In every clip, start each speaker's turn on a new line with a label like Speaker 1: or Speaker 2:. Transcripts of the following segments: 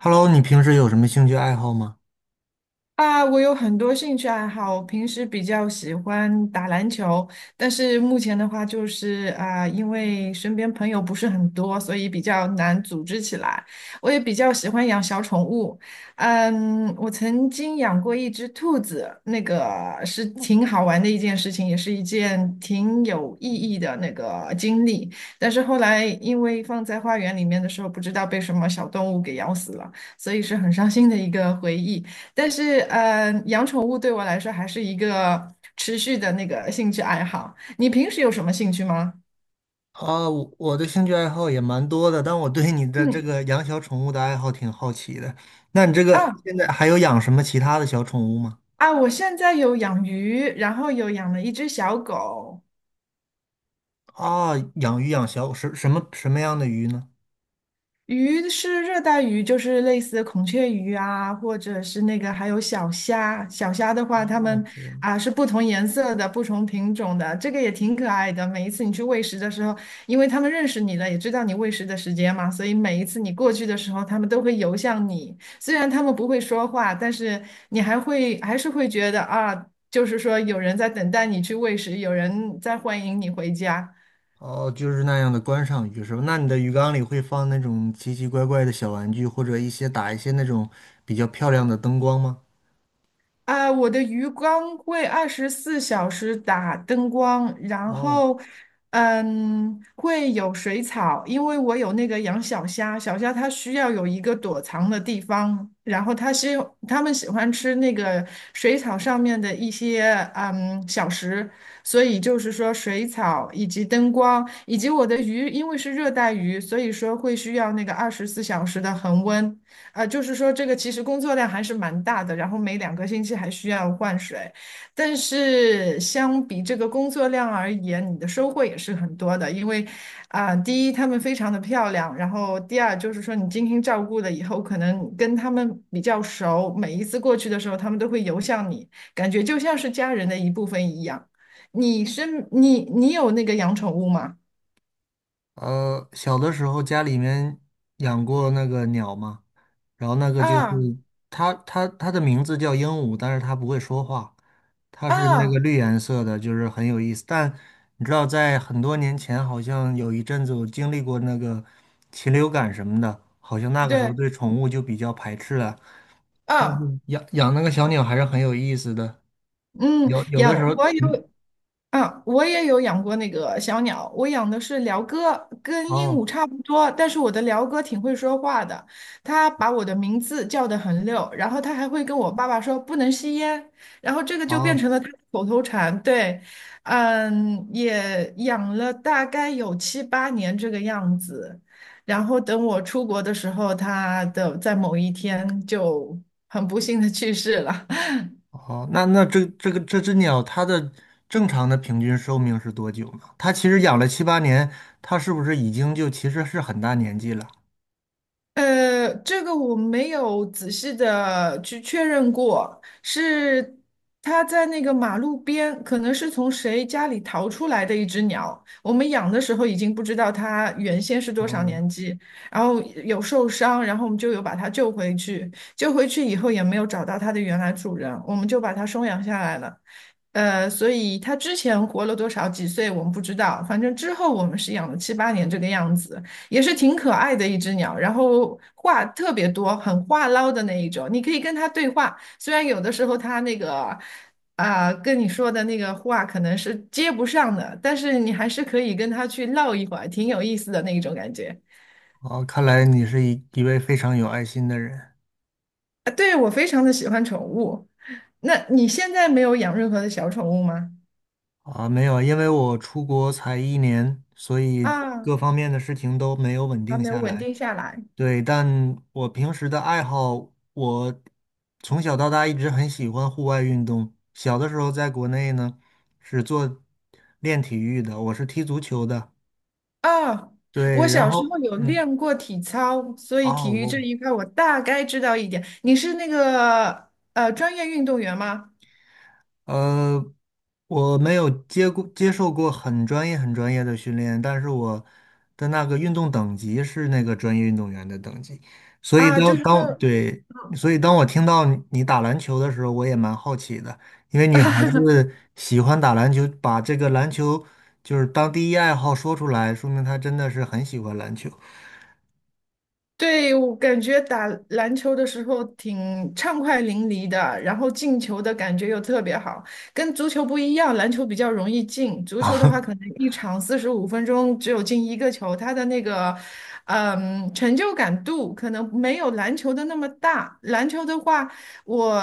Speaker 1: Hello,你平时有什么兴趣爱好吗？
Speaker 2: 啊，我有很多兴趣爱好，我平时比较喜欢打篮球，但是目前的话就是啊，因为身边朋友不是很多，所以比较难组织起来。我也比较喜欢养小宠物，我曾经养过一只兔子，那个是挺好玩的一件事情，也是一件挺有意义的那个经历。但是后来因为放在花园里面的时候，不知道被什么小动物给咬死了，所以是很伤心的一个回忆。但是，养宠物对我来说还是一个持续的那个兴趣爱好。你平时有什么兴趣吗？
Speaker 1: 我的兴趣爱好也蛮多的，但我对你的这
Speaker 2: 嗯，
Speaker 1: 个养小宠物的爱好挺好奇的。那你这个
Speaker 2: 啊
Speaker 1: 现在还有养什么其他的小宠物吗？
Speaker 2: 啊，我现在有养鱼，然后有养了一只小狗。
Speaker 1: 啊，养鱼养小什什么什么样的鱼呢？
Speaker 2: 鱼是热带鱼，就是类似孔雀鱼啊，或者是那个还有小虾。小虾的话，它
Speaker 1: 哦，
Speaker 2: 们
Speaker 1: 这样。
Speaker 2: 是不同颜色的、不同品种的，这个也挺可爱的。每一次你去喂食的时候，因为它们认识你了，也知道你喂食的时间嘛，所以每一次你过去的时候，它们都会游向你。虽然它们不会说话，但是你还是会觉得就是说有人在等待你去喂食，有人在欢迎你回家。
Speaker 1: 哦，就是那样的观赏鱼是吧？那你的鱼缸里会放那种奇奇怪怪的小玩具，或者一些那种比较漂亮的灯光吗？
Speaker 2: 啊，我的鱼缸会二十四小时打灯光，然
Speaker 1: 哦，
Speaker 2: 后，会有水草，因为我有那个养小虾，小虾它需要有一个躲藏的地方，然后它们喜欢吃那个水草上面的一些小食，所以就是说水草以及灯光以及我的鱼，因为是热带鱼，所以说会需要那个二十四小时的恒温。啊，就是说这个其实工作量还是蛮大的，然后每2个星期还需要换水，但是相比这个工作量而言，你的收获也是很多的，因为啊，第一它们非常的漂亮，然后第二就是说你精心照顾了以后，可能跟它们比较熟，每一次过去的时候，它们都会游向你，感觉就像是家人的一部分一样。你是你你有那个养宠物吗？
Speaker 1: 小的时候家里面养过那个鸟嘛，然后那个就是
Speaker 2: 啊
Speaker 1: 它的名字叫鹦鹉，但是它不会说话，它是那个
Speaker 2: 啊，
Speaker 1: 绿颜色的，就是很有意思。但你知道，在很多年前，好像有一阵子我经历过那个禽流感什么的，好像那个时候
Speaker 2: 对
Speaker 1: 对宠物就比较排斥了。但
Speaker 2: 啊，
Speaker 1: 是养那个小鸟还是很有意思的，
Speaker 2: 嗯，
Speaker 1: 有的时
Speaker 2: 养
Speaker 1: 候，
Speaker 2: 我
Speaker 1: 嗯，
Speaker 2: 有。我也有养过那个小鸟，我养的是鹩哥，跟鹦鹉
Speaker 1: 哦
Speaker 2: 差不多，但是我的鹩哥挺会说话的，它把我的名字叫得很溜，然后它还会跟我爸爸说不能吸烟，然后这个就变
Speaker 1: 哦。
Speaker 2: 成了它的口头禅。对，也养了大概有七八年这个样子，然后等我出国的时候，在某一天就很不幸的去世了。
Speaker 1: 哦，那那这这个这只鸟，它的正常的平均寿命是多久呢？它其实养了七八年，它是不是已经就其实是很大年纪了？
Speaker 2: 这个我没有仔细的去确认过，是它在那个马路边，可能是从谁家里逃出来的一只鸟。我们养的时候已经不知道它原先是多少
Speaker 1: 哦。
Speaker 2: 年纪，然后有受伤，然后我们就有把它救回去。救回去以后也没有找到它的原来主人，我们就把它收养下来了。所以它之前活了多少几岁我们不知道，反正之后我们是养了七八年这个样子。也是挺可爱的一只鸟，然后话特别多，很话唠的那一种。你可以跟它对话，虽然有的时候它那个跟你说的那个话可能是接不上的，但是你还是可以跟它去唠一会儿，挺有意思的那一种感觉。
Speaker 1: 哦，看来你是一位非常有爱心的人。
Speaker 2: 啊，对，我非常的喜欢宠物。那你现在没有养任何的小宠物吗？
Speaker 1: 啊，没有，因为我出国才一年，所以
Speaker 2: 啊，
Speaker 1: 各方面的事情都没有稳
Speaker 2: 还
Speaker 1: 定
Speaker 2: 没有
Speaker 1: 下
Speaker 2: 稳
Speaker 1: 来。
Speaker 2: 定下来。
Speaker 1: 对，但我平时的爱好，我从小到大一直很喜欢户外运动。小的时候在国内呢，是做练体育的，我是踢足球的。
Speaker 2: 啊，
Speaker 1: 对，
Speaker 2: 我
Speaker 1: 然
Speaker 2: 小时
Speaker 1: 后
Speaker 2: 候有练过体操，所以
Speaker 1: 哦，
Speaker 2: 体育这一块我大概知道一点。你是那个专业运动员吗？
Speaker 1: 呃，我没有接受过很专业的训练，但是我的那个运动等级是那个专业运动员的等级，所以
Speaker 2: 啊，就是说。
Speaker 1: 对。
Speaker 2: 嗯
Speaker 1: 所以当我听到你打篮球的时候，我也蛮好奇的，因为女孩子喜欢打篮球，把这个篮球就是当第一爱好说出来，说明她真的是很喜欢篮球。
Speaker 2: 对，我感觉打篮球的时候挺畅快淋漓的，然后进球的感觉又特别好，跟足球不一样，篮球比较容易进，足 球的
Speaker 1: 啊。
Speaker 2: 话可能一场45分钟只有进一个球，它的那个，成就感度可能没有篮球的那么大。篮球的话，我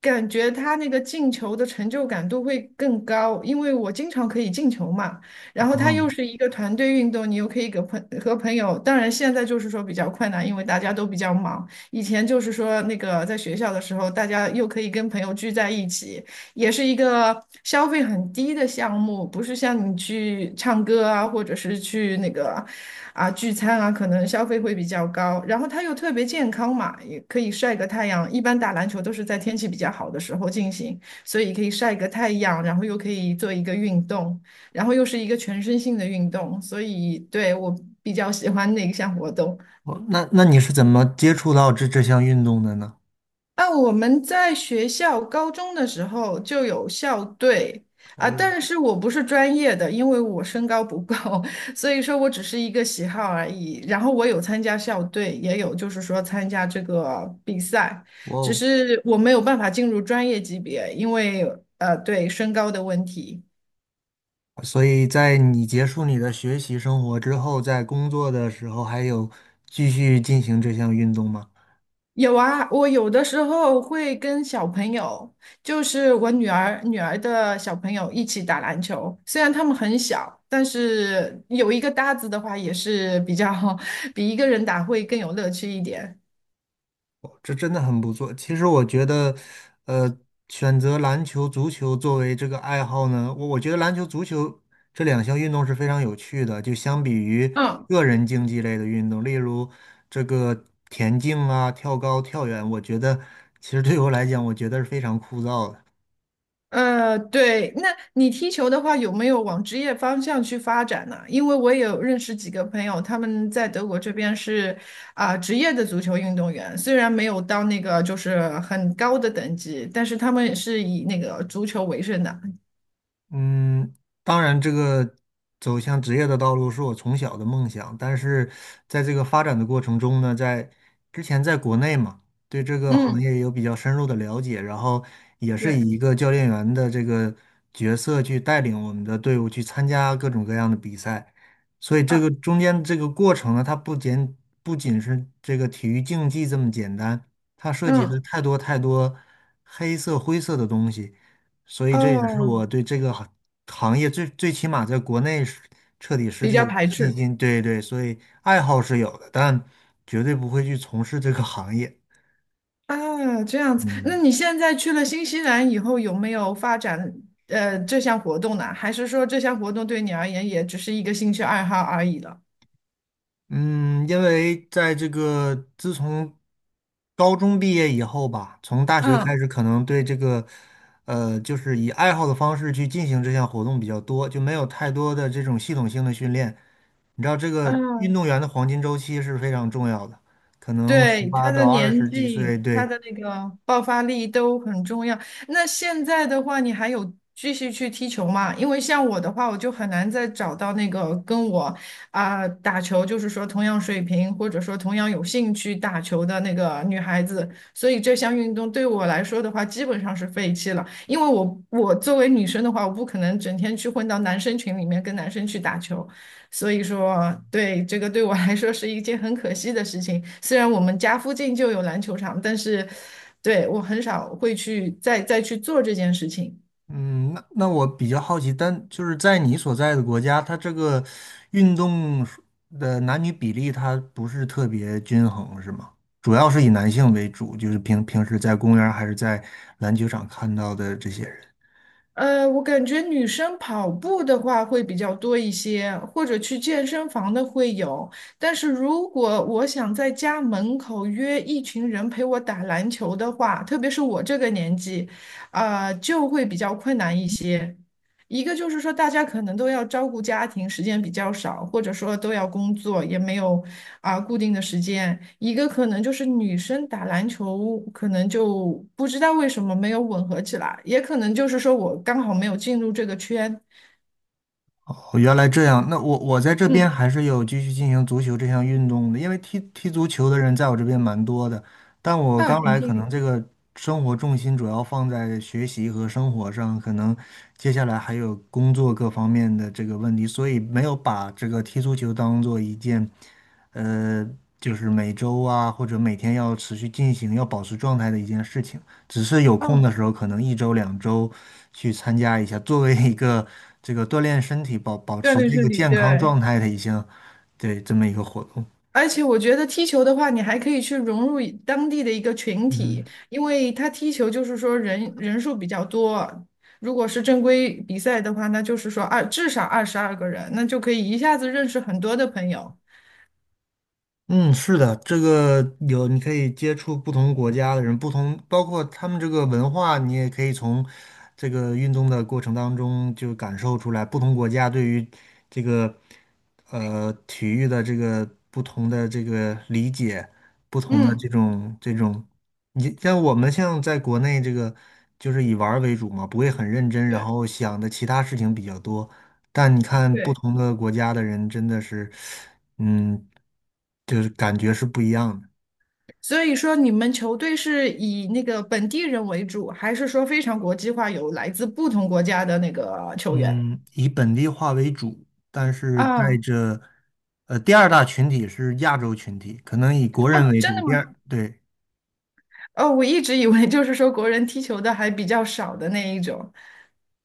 Speaker 2: 感觉它那个进球的成就感度会更高，因为我经常可以进球嘛。然后它
Speaker 1: 哦。
Speaker 2: 又是一个团队运动，你又可以和朋友。当然，现在就是说比较困难，因为大家都比较忙。以前就是说那个在学校的时候，大家又可以跟朋友聚在一起，也是一个消费很低的项目，不是像你去唱歌啊，或者是去那个聚餐啊，可能消费会比较高。然后它又特别健康嘛，也可以晒个太阳。一般打篮球都是在天气比较好的时候进行，所以可以晒个太阳，然后又可以做一个运动。然后又是一个全身性的运动，所以对我比较喜欢那一项活动。
Speaker 1: 哦，那你是怎么接触到这项运动的呢？
Speaker 2: 啊，我们在学校高中的时候就有校队啊，
Speaker 1: 哦，
Speaker 2: 但是我不是专业的，因为我身高不够，所以说我只是一个喜好而已。然后我有参加校队，也有就是说参加这个比赛，
Speaker 1: 哇
Speaker 2: 只
Speaker 1: 哦。
Speaker 2: 是我没有办法进入专业级别，因为对身高的问题。
Speaker 1: 所以在你结束你的学习生活之后，在工作的时候还有继续进行这项运动吗？
Speaker 2: 有啊，我有的时候会跟小朋友，就是我女儿的小朋友一起打篮球。虽然他们很小，但是有一个搭子的话，也是比较 比一个人打会更有乐趣一点。
Speaker 1: 哦，这真的很不错。其实我觉得，呃，选择篮球、足球作为这个爱好呢，我觉得篮球、足球这两项运动是非常有趣的。就相比于
Speaker 2: 嗯，
Speaker 1: 个人竞技类的运动，例如这个田径啊、跳高、跳远，我觉得其实对我来讲，我觉得是非常枯燥的。
Speaker 2: 对，那你踢球的话，有没有往职业方向去发展呢？因为我也有认识几个朋友，他们在德国这边是职业的足球运动员，虽然没有到那个就是很高的等级，但是他们也是以那个足球为生的。
Speaker 1: 嗯，当然，这个走向职业的道路是我从小的梦想，但是在这个发展的过程中呢，在之前在国内嘛，对这个行
Speaker 2: 嗯，
Speaker 1: 业有比较深入的了解，然后也是
Speaker 2: 对，
Speaker 1: 以一个教练员的这个角色去带领我们的队伍去参加各种各样的比赛，所以这
Speaker 2: 啊，
Speaker 1: 个中间这个过程呢，它不仅是这个体育竞技这么简单，它涉及了
Speaker 2: 嗯，
Speaker 1: 太多太多黑色灰色的东西。所以这也是
Speaker 2: 哦，
Speaker 1: 我对这个行业最起码在国内是彻底失
Speaker 2: 比较
Speaker 1: 去
Speaker 2: 排
Speaker 1: 信
Speaker 2: 斥
Speaker 1: 心。对对，所以爱好是有的，但绝对不会去从事这个行业。
Speaker 2: 啊，这样子。那
Speaker 1: 嗯
Speaker 2: 你现在去了新西兰以后，有没有发展这项活动呢？还是说这项活动对你而言也只是一个兴趣爱好而已了？
Speaker 1: 嗯，因为在这个自从高中毕业以后吧，从大学开
Speaker 2: 嗯
Speaker 1: 始，可能对这个就是以爱好的方式去进行这项活动比较多，就没有太多的这种系统性的训练。你知道这个运
Speaker 2: 嗯，
Speaker 1: 动员的黄金周期是非常重要的，可能十
Speaker 2: 对，
Speaker 1: 八
Speaker 2: 他的
Speaker 1: 到二
Speaker 2: 年
Speaker 1: 十几
Speaker 2: 纪，
Speaker 1: 岁。
Speaker 2: 他
Speaker 1: 对，
Speaker 2: 的那个爆发力都很重要。那现在的话，你还有继续去踢球吗？因为像我的话，我就很难再找到那个跟我打球，就是说同样水平或者说同样有兴趣打球的那个女孩子，所以这项运动对我来说的话，基本上是废弃了。因为我作为女生的话，我不可能整天去混到男生群里面跟男生去打球。所以说啊，对，这个对我来说是一件很可惜的事情。虽然我们家附近就有篮球场，但是对我很少会去再去做这件事情。
Speaker 1: 嗯，那我比较好奇，但就是在你所在的国家，它这个运动的男女比例它不是特别均衡，是吗？主要是以男性为主，就是平时在公园儿还是在篮球场看到的这些人。
Speaker 2: 我感觉女生跑步的话会比较多一些，或者去健身房的会有。但是如果我想在家门口约一群人陪我打篮球的话，特别是我这个年纪，就会比较困难一些。一个就是说，大家可能都要照顾家庭，时间比较少，或者说都要工作，也没有固定的时间。一个可能就是女生打篮球，可能就不知道为什么没有吻合起来，也可能就是说我刚好没有进入这个圈。
Speaker 1: 哦，原来这样。那我在这边
Speaker 2: 嗯，
Speaker 1: 还是有继续进行足球这项运动的，因为踢足球的人在我这边蛮多的。但我
Speaker 2: 啊，
Speaker 1: 刚
Speaker 2: 挺
Speaker 1: 来，
Speaker 2: 幸
Speaker 1: 可能
Speaker 2: 运。
Speaker 1: 这个生活重心主要放在学习和生活上，可能接下来还有工作各方面的这个问题，所以没有把这个踢足球当做一件，呃，就是每周啊或者每天要持续进行、要保持状态的一件事情。只是有
Speaker 2: 啊，
Speaker 1: 空的时候，可能一周两周去参加一下，作为一个这个锻炼身体、保保
Speaker 2: 对
Speaker 1: 持
Speaker 2: 对
Speaker 1: 这
Speaker 2: 对
Speaker 1: 个
Speaker 2: 对
Speaker 1: 健康
Speaker 2: 对，
Speaker 1: 状态的一项。对，这么一个活动。
Speaker 2: 而且我觉得踢球的话，你还可以去融入一当地的一个群
Speaker 1: 嗯
Speaker 2: 体，因为他踢球就是说人数比较多。如果是正规比赛的话，那就是说至少22个人，那就可以一下子认识很多的朋友。
Speaker 1: 嗯，是的，这个有你可以接触不同国家的人，不同包括他们这个文化，你也可以从这个运动的过程当中就感受出来，不同国家对于这个体育的这个不同的这个理解，不同的这
Speaker 2: 嗯，
Speaker 1: 种这种。你像我们像在国内这个，就是以玩儿为主嘛，不会很认真，然
Speaker 2: 对
Speaker 1: 后想的其他事情比较多。但你看不
Speaker 2: 对。
Speaker 1: 同的国家的人，真的是，嗯，就是感觉是不一样的。
Speaker 2: 所以说，你们球队是以那个本地人为主，还是说非常国际化，有来自不同国家的那个球员？
Speaker 1: 嗯，以本地化为主，但是带
Speaker 2: 啊
Speaker 1: 着，呃，第二大群体是亚洲群体，可能以国
Speaker 2: 啊，
Speaker 1: 人为
Speaker 2: 真
Speaker 1: 主。
Speaker 2: 的
Speaker 1: 第
Speaker 2: 吗？
Speaker 1: 二，对，
Speaker 2: 哦，我一直以为就是说国人踢球的还比较少的那一种。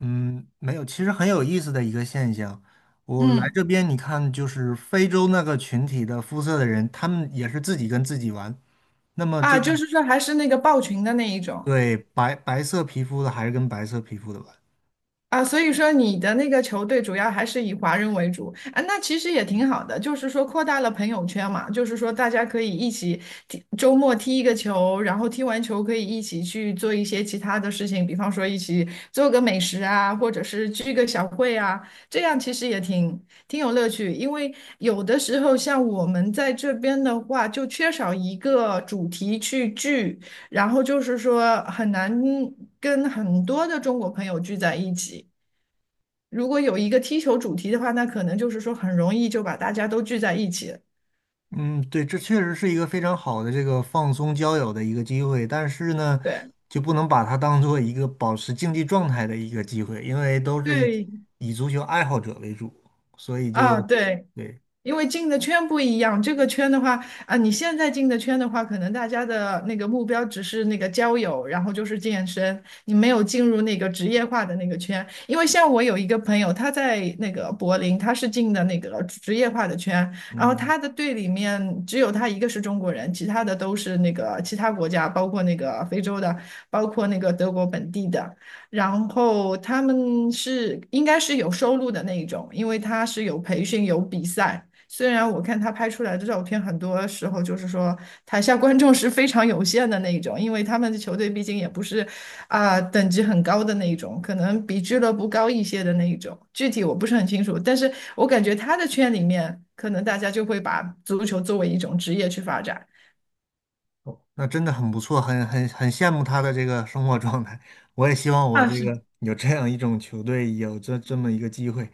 Speaker 1: 嗯，没有，其实很有意思的一个现象。我来
Speaker 2: 嗯。
Speaker 1: 这边，你看，就是非洲那个群体的肤色的人，他们也是自己跟自己玩。那么
Speaker 2: 啊，
Speaker 1: 这个
Speaker 2: 就是说还是那个抱群的那一种
Speaker 1: 对白色皮肤的还是跟白色皮肤的玩。
Speaker 2: 啊，所以说你的那个球队主要还是以华人为主啊，那其实也挺好的，就是说扩大了朋友圈嘛，就是说大家可以一起踢，周末踢一个球，然后踢完球可以一起去做一些其他的事情，比方说一起做个美食啊，或者是聚个小会啊，这样其实也挺有乐趣，因为有的时候像我们在这边的话，就缺少一个主题去聚。然后就是说很难跟很多的中国朋友聚在一起。如果有一个踢球主题的话，那可能就是说很容易就把大家都聚在一起了。
Speaker 1: 嗯，对，这确实是一个非常好的这个放松交友的一个机会，但是呢，
Speaker 2: 对
Speaker 1: 就不能把它当做一个保持竞技状态的一个机会，因为都是以
Speaker 2: 对
Speaker 1: 以足球爱好者为主，所以
Speaker 2: 啊，
Speaker 1: 就
Speaker 2: 对。
Speaker 1: 对，
Speaker 2: 因为进的圈不一样，这个圈的话啊，你现在进的圈的话，可能大家的那个目标只是那个交友，然后就是健身，你没有进入那个职业化的那个圈。因为像我有一个朋友，他在那个柏林，他是进的那个职业化的圈，然后
Speaker 1: 嗯。
Speaker 2: 他的队里面只有他一个是中国人，其他的都是那个其他国家，包括那个非洲的，包括那个德国本地的。然后他们是应该是有收入的那一种，因为他是有培训有比赛。虽然我看他拍出来的照片，很多时候就是说台下观众是非常有限的那一种，因为他们的球队毕竟也不是等级很高的那一种，可能比俱乐部高一些的那一种，具体我不是很清楚，但是我感觉他的圈里面，可能大家就会把足球作为一种职业去发展，
Speaker 1: 哦，那真的很不错，很羡慕他的这个生活状态。我也希望我
Speaker 2: 啊，
Speaker 1: 这
Speaker 2: 是
Speaker 1: 个有这样一种球队，有这么一个机会。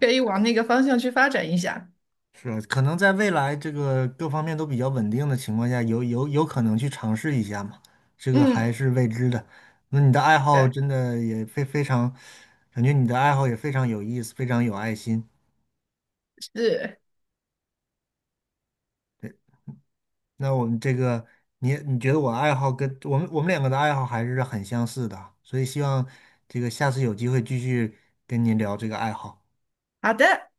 Speaker 2: 可以往那个方向去发展一下，
Speaker 1: 是吧？可能在未来这个各方面都比较稳定的情况下，有可能去尝试一下嘛，这个还
Speaker 2: 嗯，
Speaker 1: 是未知的。那你的爱好
Speaker 2: 对，
Speaker 1: 真的也非常，感觉你的爱好也非常有意思，非常有爱心。
Speaker 2: 是
Speaker 1: 那我们这个，你觉得我爱好跟我们两个的爱好还是很相似的啊，所以希望这个下次有机会继续跟您聊这个爱好。
Speaker 2: 好的。